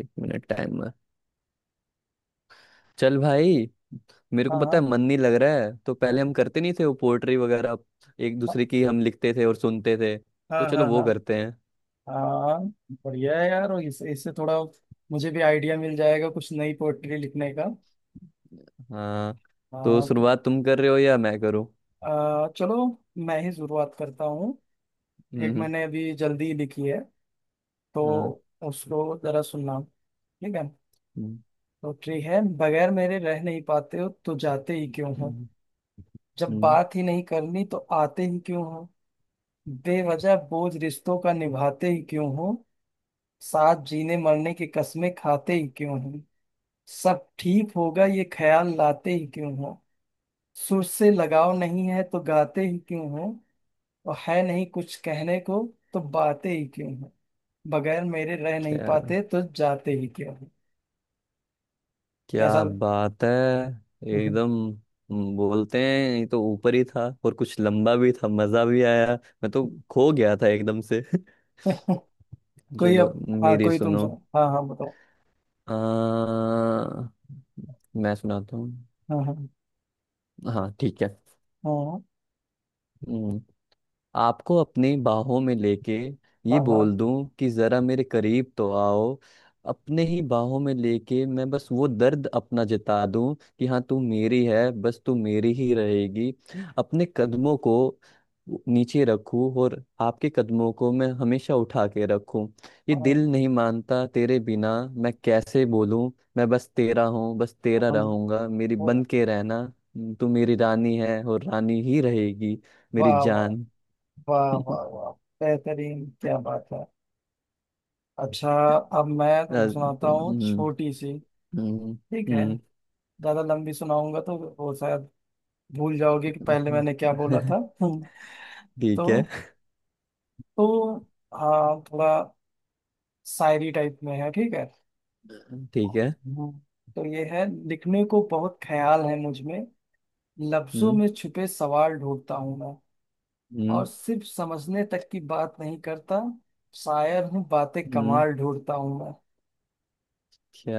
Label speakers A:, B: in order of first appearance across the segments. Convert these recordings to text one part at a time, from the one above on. A: एक minute time है। चल भाई। मेरे
B: हाँ
A: को पता
B: हाँ
A: है मन नहीं लग रहा है, तो पहले हम करते नहीं थे वो पोएट्री वगैरह। एक दूसरे की हम लिखते थे और सुनते थे। तो
B: हाँ हाँ
A: चलो वो
B: हाँ
A: करते हैं।
B: हाँ। बढ़िया है यार। और इस, इससे थोड़ा मुझे भी आइडिया मिल जाएगा कुछ नई पोएट्री लिखने का।
A: हाँ। तो
B: हाँ, तो
A: शुरुआत तुम कर रहे हो या मैं करूँ?
B: चलो, मैं ही शुरुआत करता हूँ।
A: हम्म।
B: एक
A: हम्म।
B: मैंने अभी जल्दी ही लिखी है, तो
A: हाँ।
B: उसको जरा सुनना, ठीक है?
A: हम्म।
B: पोएट्री है। बगैर मेरे रह नहीं पाते हो तो जाते ही क्यों हो?
A: हम्म।
B: जब
A: हम्म।
B: बात ही नहीं करनी तो आते ही क्यों हो? बेवजह बोझ रिश्तों का निभाते ही क्यों हो? साथ जीने मरने की कस्में खाते ही क्यों हो? सब ठीक होगा ये ख्याल लाते ही क्यों हो? सुर से लगाव नहीं है तो गाते ही क्यों हो? और है नहीं कुछ कहने को, तो बातें ही क्यों हो? बगैर मेरे रह नहीं
A: क्या!
B: पाते तो जाते ही क्यों हो? ऐसा।
A: क्या बात है! एकदम! बोलते हैं, ये तो ऊपर ही था और कुछ लंबा भी था, मजा भी आया। मैं तो खो गया था एकदम से।
B: कोई
A: चलो,
B: अब, हाँ,
A: मेरी
B: कोई तुम
A: सुनो।
B: सुनो, हाँ हाँ, बताओ।
A: अ, मैं सुनाता हूँ।
B: हाँ हाँ
A: हाँ ठीक है। हम्म, आपको अपनी बाहों में लेके
B: हाँ
A: ये
B: हाँ हाँ
A: बोल दूं कि जरा मेरे करीब तो आओ। अपने ही बाहों में लेके मैं बस वो दर्द अपना जता दूं कि हाँ, तू मेरी है, बस तू मेरी ही रहेगी। अपने कदमों को नीचे रखूं और आपके कदमों को मैं हमेशा उठा के रखूं। ये
B: हाँ, हाँ,
A: दिल नहीं मानता तेरे बिना, मैं कैसे बोलूं? मैं बस तेरा हूँ, बस
B: हाँ,
A: तेरा
B: हाँ,
A: रहूंगा, मेरी बन के रहना। तू मेरी रानी है और रानी ही रहेगी, मेरी
B: वाह वाह
A: जान।
B: वाह वाह वाह। बेहतरीन, क्या बात है। अच्छा, अब मैं तुमको
A: राज-
B: सुनाता हूँ,
A: हम्म। हम्म।
B: छोटी सी।
A: हम्म।
B: ठीक है।
A: हम्म।
B: ज्यादा लंबी सुनाऊंगा तो वो शायद भूल जाओगे कि पहले मैंने क्या बोला था। हम्म,
A: ठीक
B: तो
A: है,
B: तो हाँ, थोड़ा शायरी टाइप में है, ठीक है।
A: ठीक है।
B: हम्म। तो ये है — लिखने को बहुत ख्याल है मुझ में, लफ्जों
A: हम्म।
B: में छुपे सवाल ढूंढता हूँ मैं,
A: हम्म।
B: और सिर्फ समझने तक की बात नहीं करता, शायर हूँ बातें
A: हम्म।
B: कमाल ढूंढता हूँ मैं।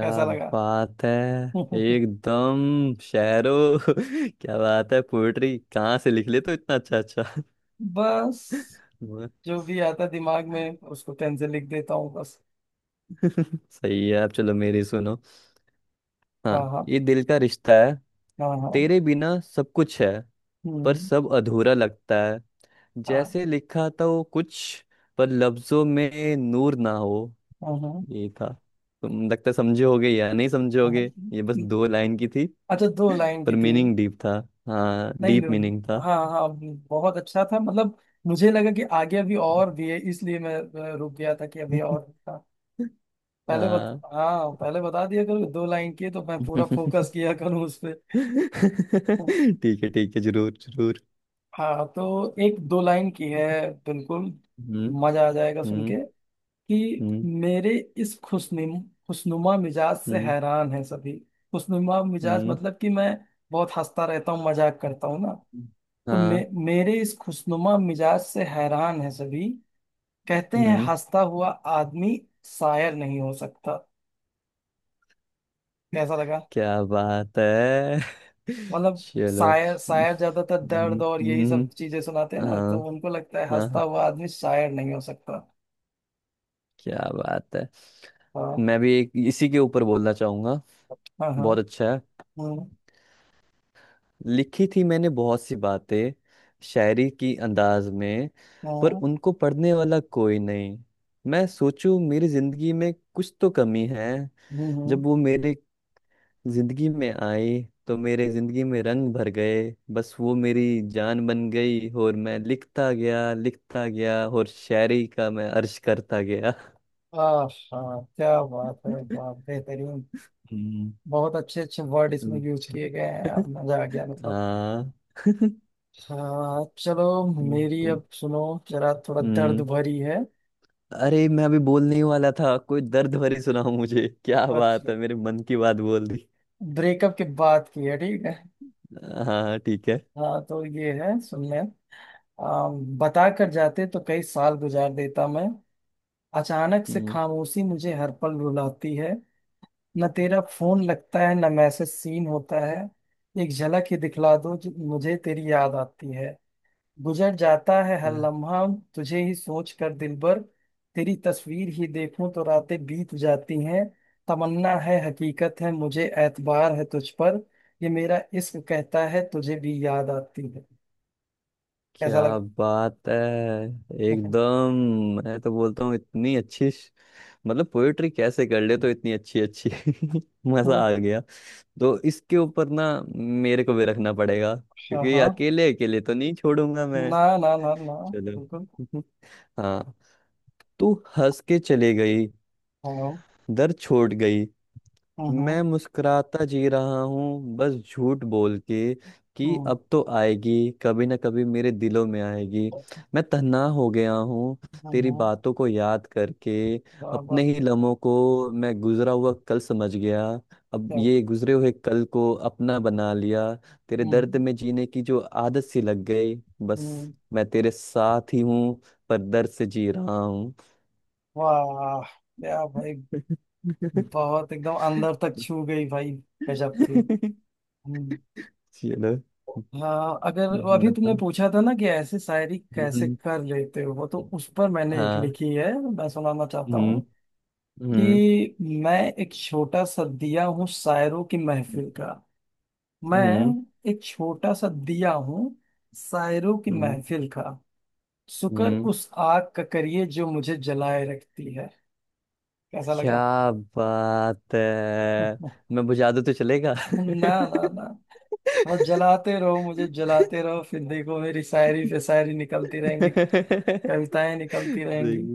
B: कैसा लगा?
A: बात है! एकदम शेरो! क्या बात है! पोएट्री कहाँ से लिख ले, तो इतना अच्छा अच्छा।
B: बस
A: वाह।
B: जो भी आता दिमाग में उसको पेन से लिख देता हूँ, बस।
A: सही है आप। चलो मेरी सुनो।
B: हाँ
A: हाँ,
B: हाँ
A: ये दिल का रिश्ता है।
B: हाँ हाँ
A: तेरे बिना सब कुछ है, पर
B: हम्म
A: सब अधूरा लगता है।
B: हाँ।
A: जैसे लिखा था वो कुछ, पर लफ्जों में नूर ना हो।
B: हाँ हाँ,
A: ये था। तुम, लगता है, समझे होगे या नहीं समझे होगे, ये बस दो लाइन की थी।
B: अच्छा, दो लाइन
A: पर
B: की थी।
A: मीनिंग डीप था। हाँ,
B: नहीं
A: डीप
B: नहीं,
A: मीनिंग था।
B: हाँ हाँ, बहुत अच्छा था, मतलब मुझे लगा कि आगे अभी और भी है, इसलिए मैं रुक गया था कि अभी और था। पहले बत
A: हाँ।
B: हाँ, पहले बता दिया करो कि दो लाइन की है, तो मैं पूरा फोकस किया करूँ उस पे।
A: ठीक है, ठीक है, जरूर जरूर।
B: हाँ, तो एक दो लाइन की है, बिल्कुल
A: हम्म।
B: मजा आ जाएगा सुन के।
A: हम्म।
B: कि
A: हम्म।
B: मेरे इस खुशनुमा मिजाज से
A: हम्म।
B: हैरान है सभी। खुशनुमा मिजाज
A: हम्म।
B: मतलब कि मैं बहुत हंसता रहता हूँ, मजाक करता हूँ ना, तो
A: हाँ।
B: मेरे इस खुशनुमा मिजाज से हैरान है सभी, कहते हैं
A: हम्म।
B: हंसता हुआ आदमी शायर नहीं हो सकता। कैसा लगा?
A: क्या बात है!
B: मतलब
A: चलो।
B: शायर,
A: हम्म।
B: शायर ज्यादातर दर्द और यही
A: हम्म।
B: सब चीजें सुनाते हैं
A: हाँ,
B: ना, तो उनको लगता है
A: हाँ,
B: हंसता
A: हाँ,
B: हुआ आदमी शायर नहीं हो सकता।
A: क्या बात है!
B: हाँ
A: मैं भी एक इसी के ऊपर बोलना चाहूंगा।
B: हाँ हाँ
A: बहुत अच्छा है।
B: हम्म
A: लिखी थी मैंने बहुत सी बातें, शायरी की अंदाज में, पर
B: हम्म
A: उनको पढ़ने वाला कोई नहीं। मैं सोचूं, मेरी जिंदगी में कुछ तो कमी है।
B: हम्म
A: जब
B: हम्म।
A: वो मेरे जिंदगी में आई, तो मेरे जिंदगी में रंग भर गए। बस वो मेरी जान बन गई, और मैं लिखता गया, लिखता गया, और शायरी का मैं अर्ज करता गया।
B: आहा, क्या बात है, क्या बेहतरीन।
A: हम्म।
B: बहुत अच्छे अच्छे वर्ड इसमें
A: हम्म।
B: यूज किए गए हैं, अब मजा आ गया, मतलब।
A: हाँ।
B: हाँ चलो,
A: हम्म।
B: मेरी
A: हम्म।
B: अब सुनो, जरा थोड़ा दर्द
A: हम्म।
B: भरी है,
A: अरे, मैं अभी बोलने ही वाला था, कोई दर्द भरी सुनाओ मुझे। क्या
B: और
A: बात है, मेरे मन की बात बोल दी।
B: ब्रेकअप की बात की है, ठीक है।
A: हाँ, ठीक है।
B: हाँ, तो ये है, सुनने — आ, बता कर जाते तो कई साल गुजार देता मैं, अचानक से
A: हम्म।
B: खामोशी मुझे हर पल रुलाती है। न तेरा फोन लगता है न मैसेज सीन होता है, एक झलक ही दिखला दो जो मुझे तेरी याद आती है। गुजर जाता है
A: अ,
B: हर लम्हा तुझे ही सोच कर दिल भर, तेरी तस्वीर ही देखूं तो रातें बीत जाती हैं। तमन्ना है हकीकत है मुझे एतबार है तुझ पर, ये मेरा इश्क कहता है तुझे भी याद आती है। कैसा
A: क्या
B: लगा?
A: बात है! एकदम! मैं तो बोलता हूँ इतनी अच्छी मतलब पोएट्री कैसे कर ले, तो इतनी अच्छी अच्छी। मजा
B: वाह,
A: आ गया। तो इसके ऊपर ना, मेरे को भी रखना पड़ेगा,
B: हाँ
A: क्योंकि
B: हाँ,
A: अकेले अकेले तो नहीं छोड़ूंगा मैं।
B: ना ना ना ना,
A: चलो।
B: बिल्कुल।
A: हाँ। तू हंस के चले गई,
B: हाँ हाँ।
A: दर छोड़ गई।
B: हम्म
A: मैं मुस्कुराता जी रहा हूँ, बस झूठ बोल के कि
B: हम्म
A: अब तो आएगी, कभी ना कभी मेरे दिलों में आएगी। मैं तन्हा हो गया हूँ तेरी
B: हम्म
A: बातों को याद करके।
B: वाह
A: अपने
B: वाह,
A: ही लम्हों को मैं गुजरा हुआ कल समझ गया, अब
B: क्या।
A: ये गुजरे हुए कल को अपना बना लिया। तेरे दर्द
B: हम्म
A: में जीने की जो आदत सी लग गई, बस
B: हम्म,
A: मैं तेरे साथ ही हूँ, पर दर्द से जी रहा हूँ।
B: वाह, क्या भाई, बहुत एकदम अंदर तक छू गई भाई, गजब थी। हम्म।
A: चलो।
B: हाँ, अगर वो अभी तुमने
A: बताओ।
B: पूछा था ना कि ऐसे शायरी कैसे
A: हम्म।
B: कर लेते हो, तो उस पर मैंने एक
A: हाँ।
B: लिखी है, मैं सुनाना चाहता
A: हम्म।
B: हूँ।
A: हम्म।
B: कि मैं एक छोटा सा दिया हूँ शायरों की महफिल का, मैं
A: हम्म।
B: एक छोटा सा दिया हूँ शायरों की
A: हम्म।
B: महफिल का, शुक्र
A: हम्म।
B: उस आग का करिए जो मुझे जलाए रखती है। कैसा लगा?
A: क्या बात है! मैं बुझा दूं तो चलेगा?
B: ना ना ना, बस जलाते रहो, मुझे जलाते रहो, फिर देखो मेरी शायरी पे शायरी निकलती रहेंगी,
A: देखिए।
B: कविताएं निकलती रहेंगी।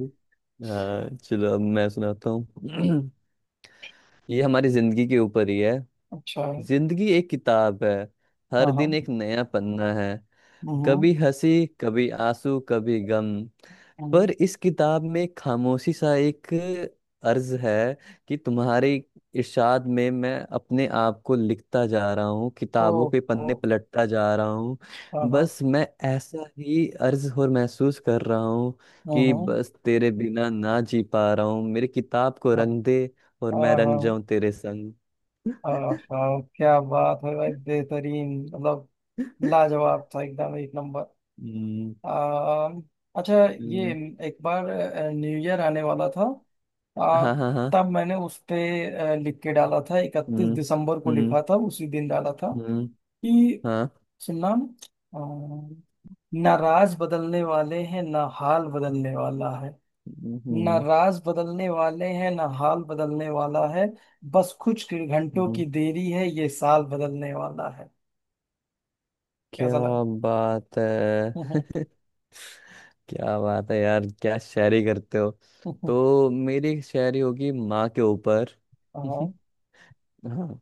A: हाँ चलो, अब मैं सुनाता हूँ। ये हमारी जिंदगी के ऊपर ही है।
B: अच्छा है।
A: जिंदगी एक किताब है, हर
B: हाँ हाँ
A: दिन एक नया पन्ना है।
B: हम्म
A: कभी हंसी, कभी आंसू, कभी गम,
B: हम्म,
A: पर इस किताब में खामोशी सा एक अर्ज है कि तुम्हारे इरशाद में मैं अपने आप को लिखता जा रहा हूँ,
B: ओ,
A: किताबों के
B: ओ,
A: पन्ने पलटता जा रहा हूँ।
B: हाँ हाँ
A: बस मैं ऐसा ही अर्ज और महसूस कर रहा हूँ कि
B: हम्म
A: बस तेरे बिना ना जी पा रहा हूँ, मेरी किताब को
B: हाँ
A: रंग दे और मैं
B: हाँ
A: रंग
B: हाँ
A: जाऊं तेरे संग।
B: हाँ हाँ, क्या बात है भाई, बेहतरीन, मतलब लाजवाब था, एकदम एक नंबर।
A: हम्म।
B: अम, अच्छा, ये
A: हम्म।
B: एक बार न्यू ईयर आने वाला था, आ,
A: हाँ। हाँ। हाँ।
B: तब मैंने उस पे लिख के डाला था, इकतीस
A: हम्म।
B: दिसंबर को
A: हम्म।
B: लिखा था, उसी दिन डाला था,
A: हम्म।
B: कि
A: हाँ।
B: सुनना — अम, ना राज बदलने वाले हैं ना हाल बदलने वाला है, ना
A: हम्म।
B: राज बदलने वाले हैं ना हाल बदलने वाला है, बस कुछ घंटों
A: हम्म।
B: की देरी है ये साल बदलने वाला है।
A: क्या
B: कैसा लगा?
A: बात है! क्या बात है यार, क्या शायरी करते हो! तो मेरी एक शायरी होगी माँ के ऊपर।
B: हाँ
A: हाँ।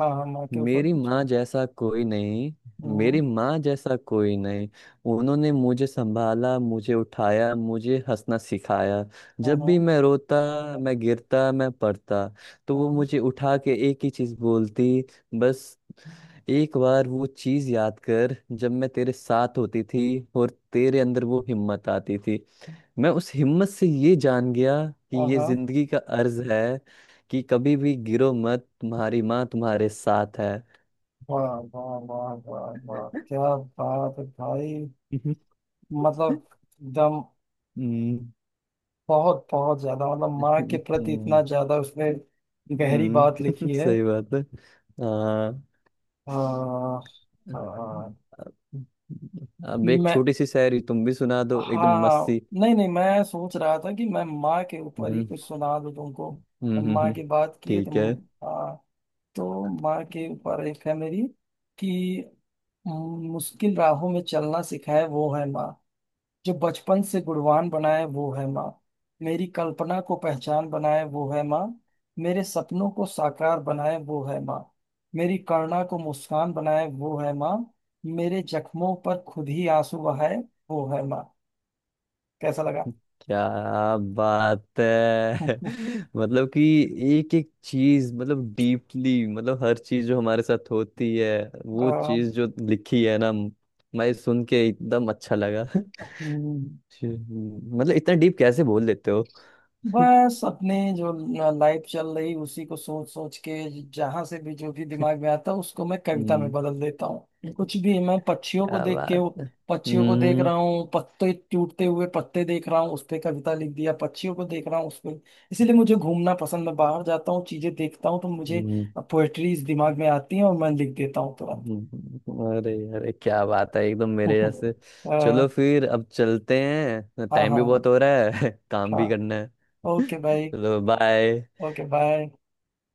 B: हाँ, हाँ माँ के ऊपर
A: मेरी
B: कुछ।
A: माँ जैसा कोई नहीं।
B: हम्म,
A: मेरी माँ जैसा कोई नहीं। उन्होंने मुझे संभाला, मुझे उठाया, मुझे हंसना सिखाया। जब भी
B: हम्म,
A: मैं रोता, मैं गिरता, मैं पड़ता, तो वो
B: हम्म,
A: मुझे उठा के एक ही चीज बोलती। बस एक बार वो चीज याद कर, जब मैं तेरे साथ होती थी और तेरे अंदर वो हिम्मत आती थी। मैं उस हिम्मत से ये जान गया कि ये
B: आहा,
A: जिंदगी का अर्ज है कि कभी भी गिरो मत, तुम्हारी माँ तुम्हारे साथ है।
B: वाह वाह वाह वाह वाह, क्या बात है भाई, मतलब एकदम,
A: हम्म।
B: बहुत बहुत ज्यादा मतलब माँ के प्रति
A: हम्म।
B: इतना ज्यादा उसने गहरी
A: हम्म।
B: बात लिखी है।
A: सही बात है। हाँ।
B: हाँ हाँ।
A: अब एक
B: मैं
A: छोटी सी शायरी तुम भी सुना दो, एकदम मस्त
B: हाँ
A: सी।
B: नहीं नहीं, मैं सोच रहा था कि मैं माँ के ऊपर ही
A: हम्म।
B: कुछ सुना दूं तुमको।
A: हम्म।
B: हम
A: हम्म।
B: माँ की
A: हम्म।
B: बात की है
A: ठीक
B: तुम,
A: है।
B: हाँ, तो माँ के ऊपर एक है मेरी। कि मुश्किल राहों में चलना सिखाए वो है माँ, जो बचपन से गुणवान बनाए वो है माँ, मेरी कल्पना को पहचान बनाए वो है माँ, मेरे सपनों को साकार बनाए वो है माँ, मेरी करुणा को मुस्कान बनाए वो है माँ, मेरे जख्मों पर खुद ही आंसू बहाए वो है माँ। कैसा लगा?
A: क्या बात है! मतलब कि एक एक चीज, मतलब डीपली, मतलब हर चीज जो हमारे साथ होती है,
B: आ,
A: वो चीज जो लिखी है ना। मैं सुन के एकदम अच्छा लगा।
B: हम्म,
A: हम्म। मतलब इतना डीप कैसे बोल देते हो!
B: बस अपने जो लाइफ चल रही उसी को सोच सोच के, जहां से भी जो भी दिमाग में आता है उसको मैं कविता में
A: हम्म।
B: बदल देता हूँ। कुछ भी, मैं पक्षियों को
A: क्या
B: देख के,
A: बात है!
B: पक्षियों को देख
A: हम्म।
B: रहा हूँ, पत्ते, टूटते हुए पत्ते देख रहा हूँ उस पे कविता लिख दिया, पक्षियों को देख रहा हूँ उस पे। इसलिए मुझे घूमना पसंद, मैं बाहर जाता हूँ, चीजें देखता हूँ तो मुझे
A: हम्म।
B: पोएट्री दिमाग में आती है और मैं लिख देता हूँ तुरंत।
A: हम्म। अरे अरे, क्या बात है, एकदम मेरे जैसे! चलो फिर, अब चलते हैं, टाइम
B: हाँ
A: भी
B: हाँ
A: बहुत हो रहा है। काम
B: हाँ,
A: भी करना है।
B: ओके भाई,
A: चलो बाय।
B: Okay bye.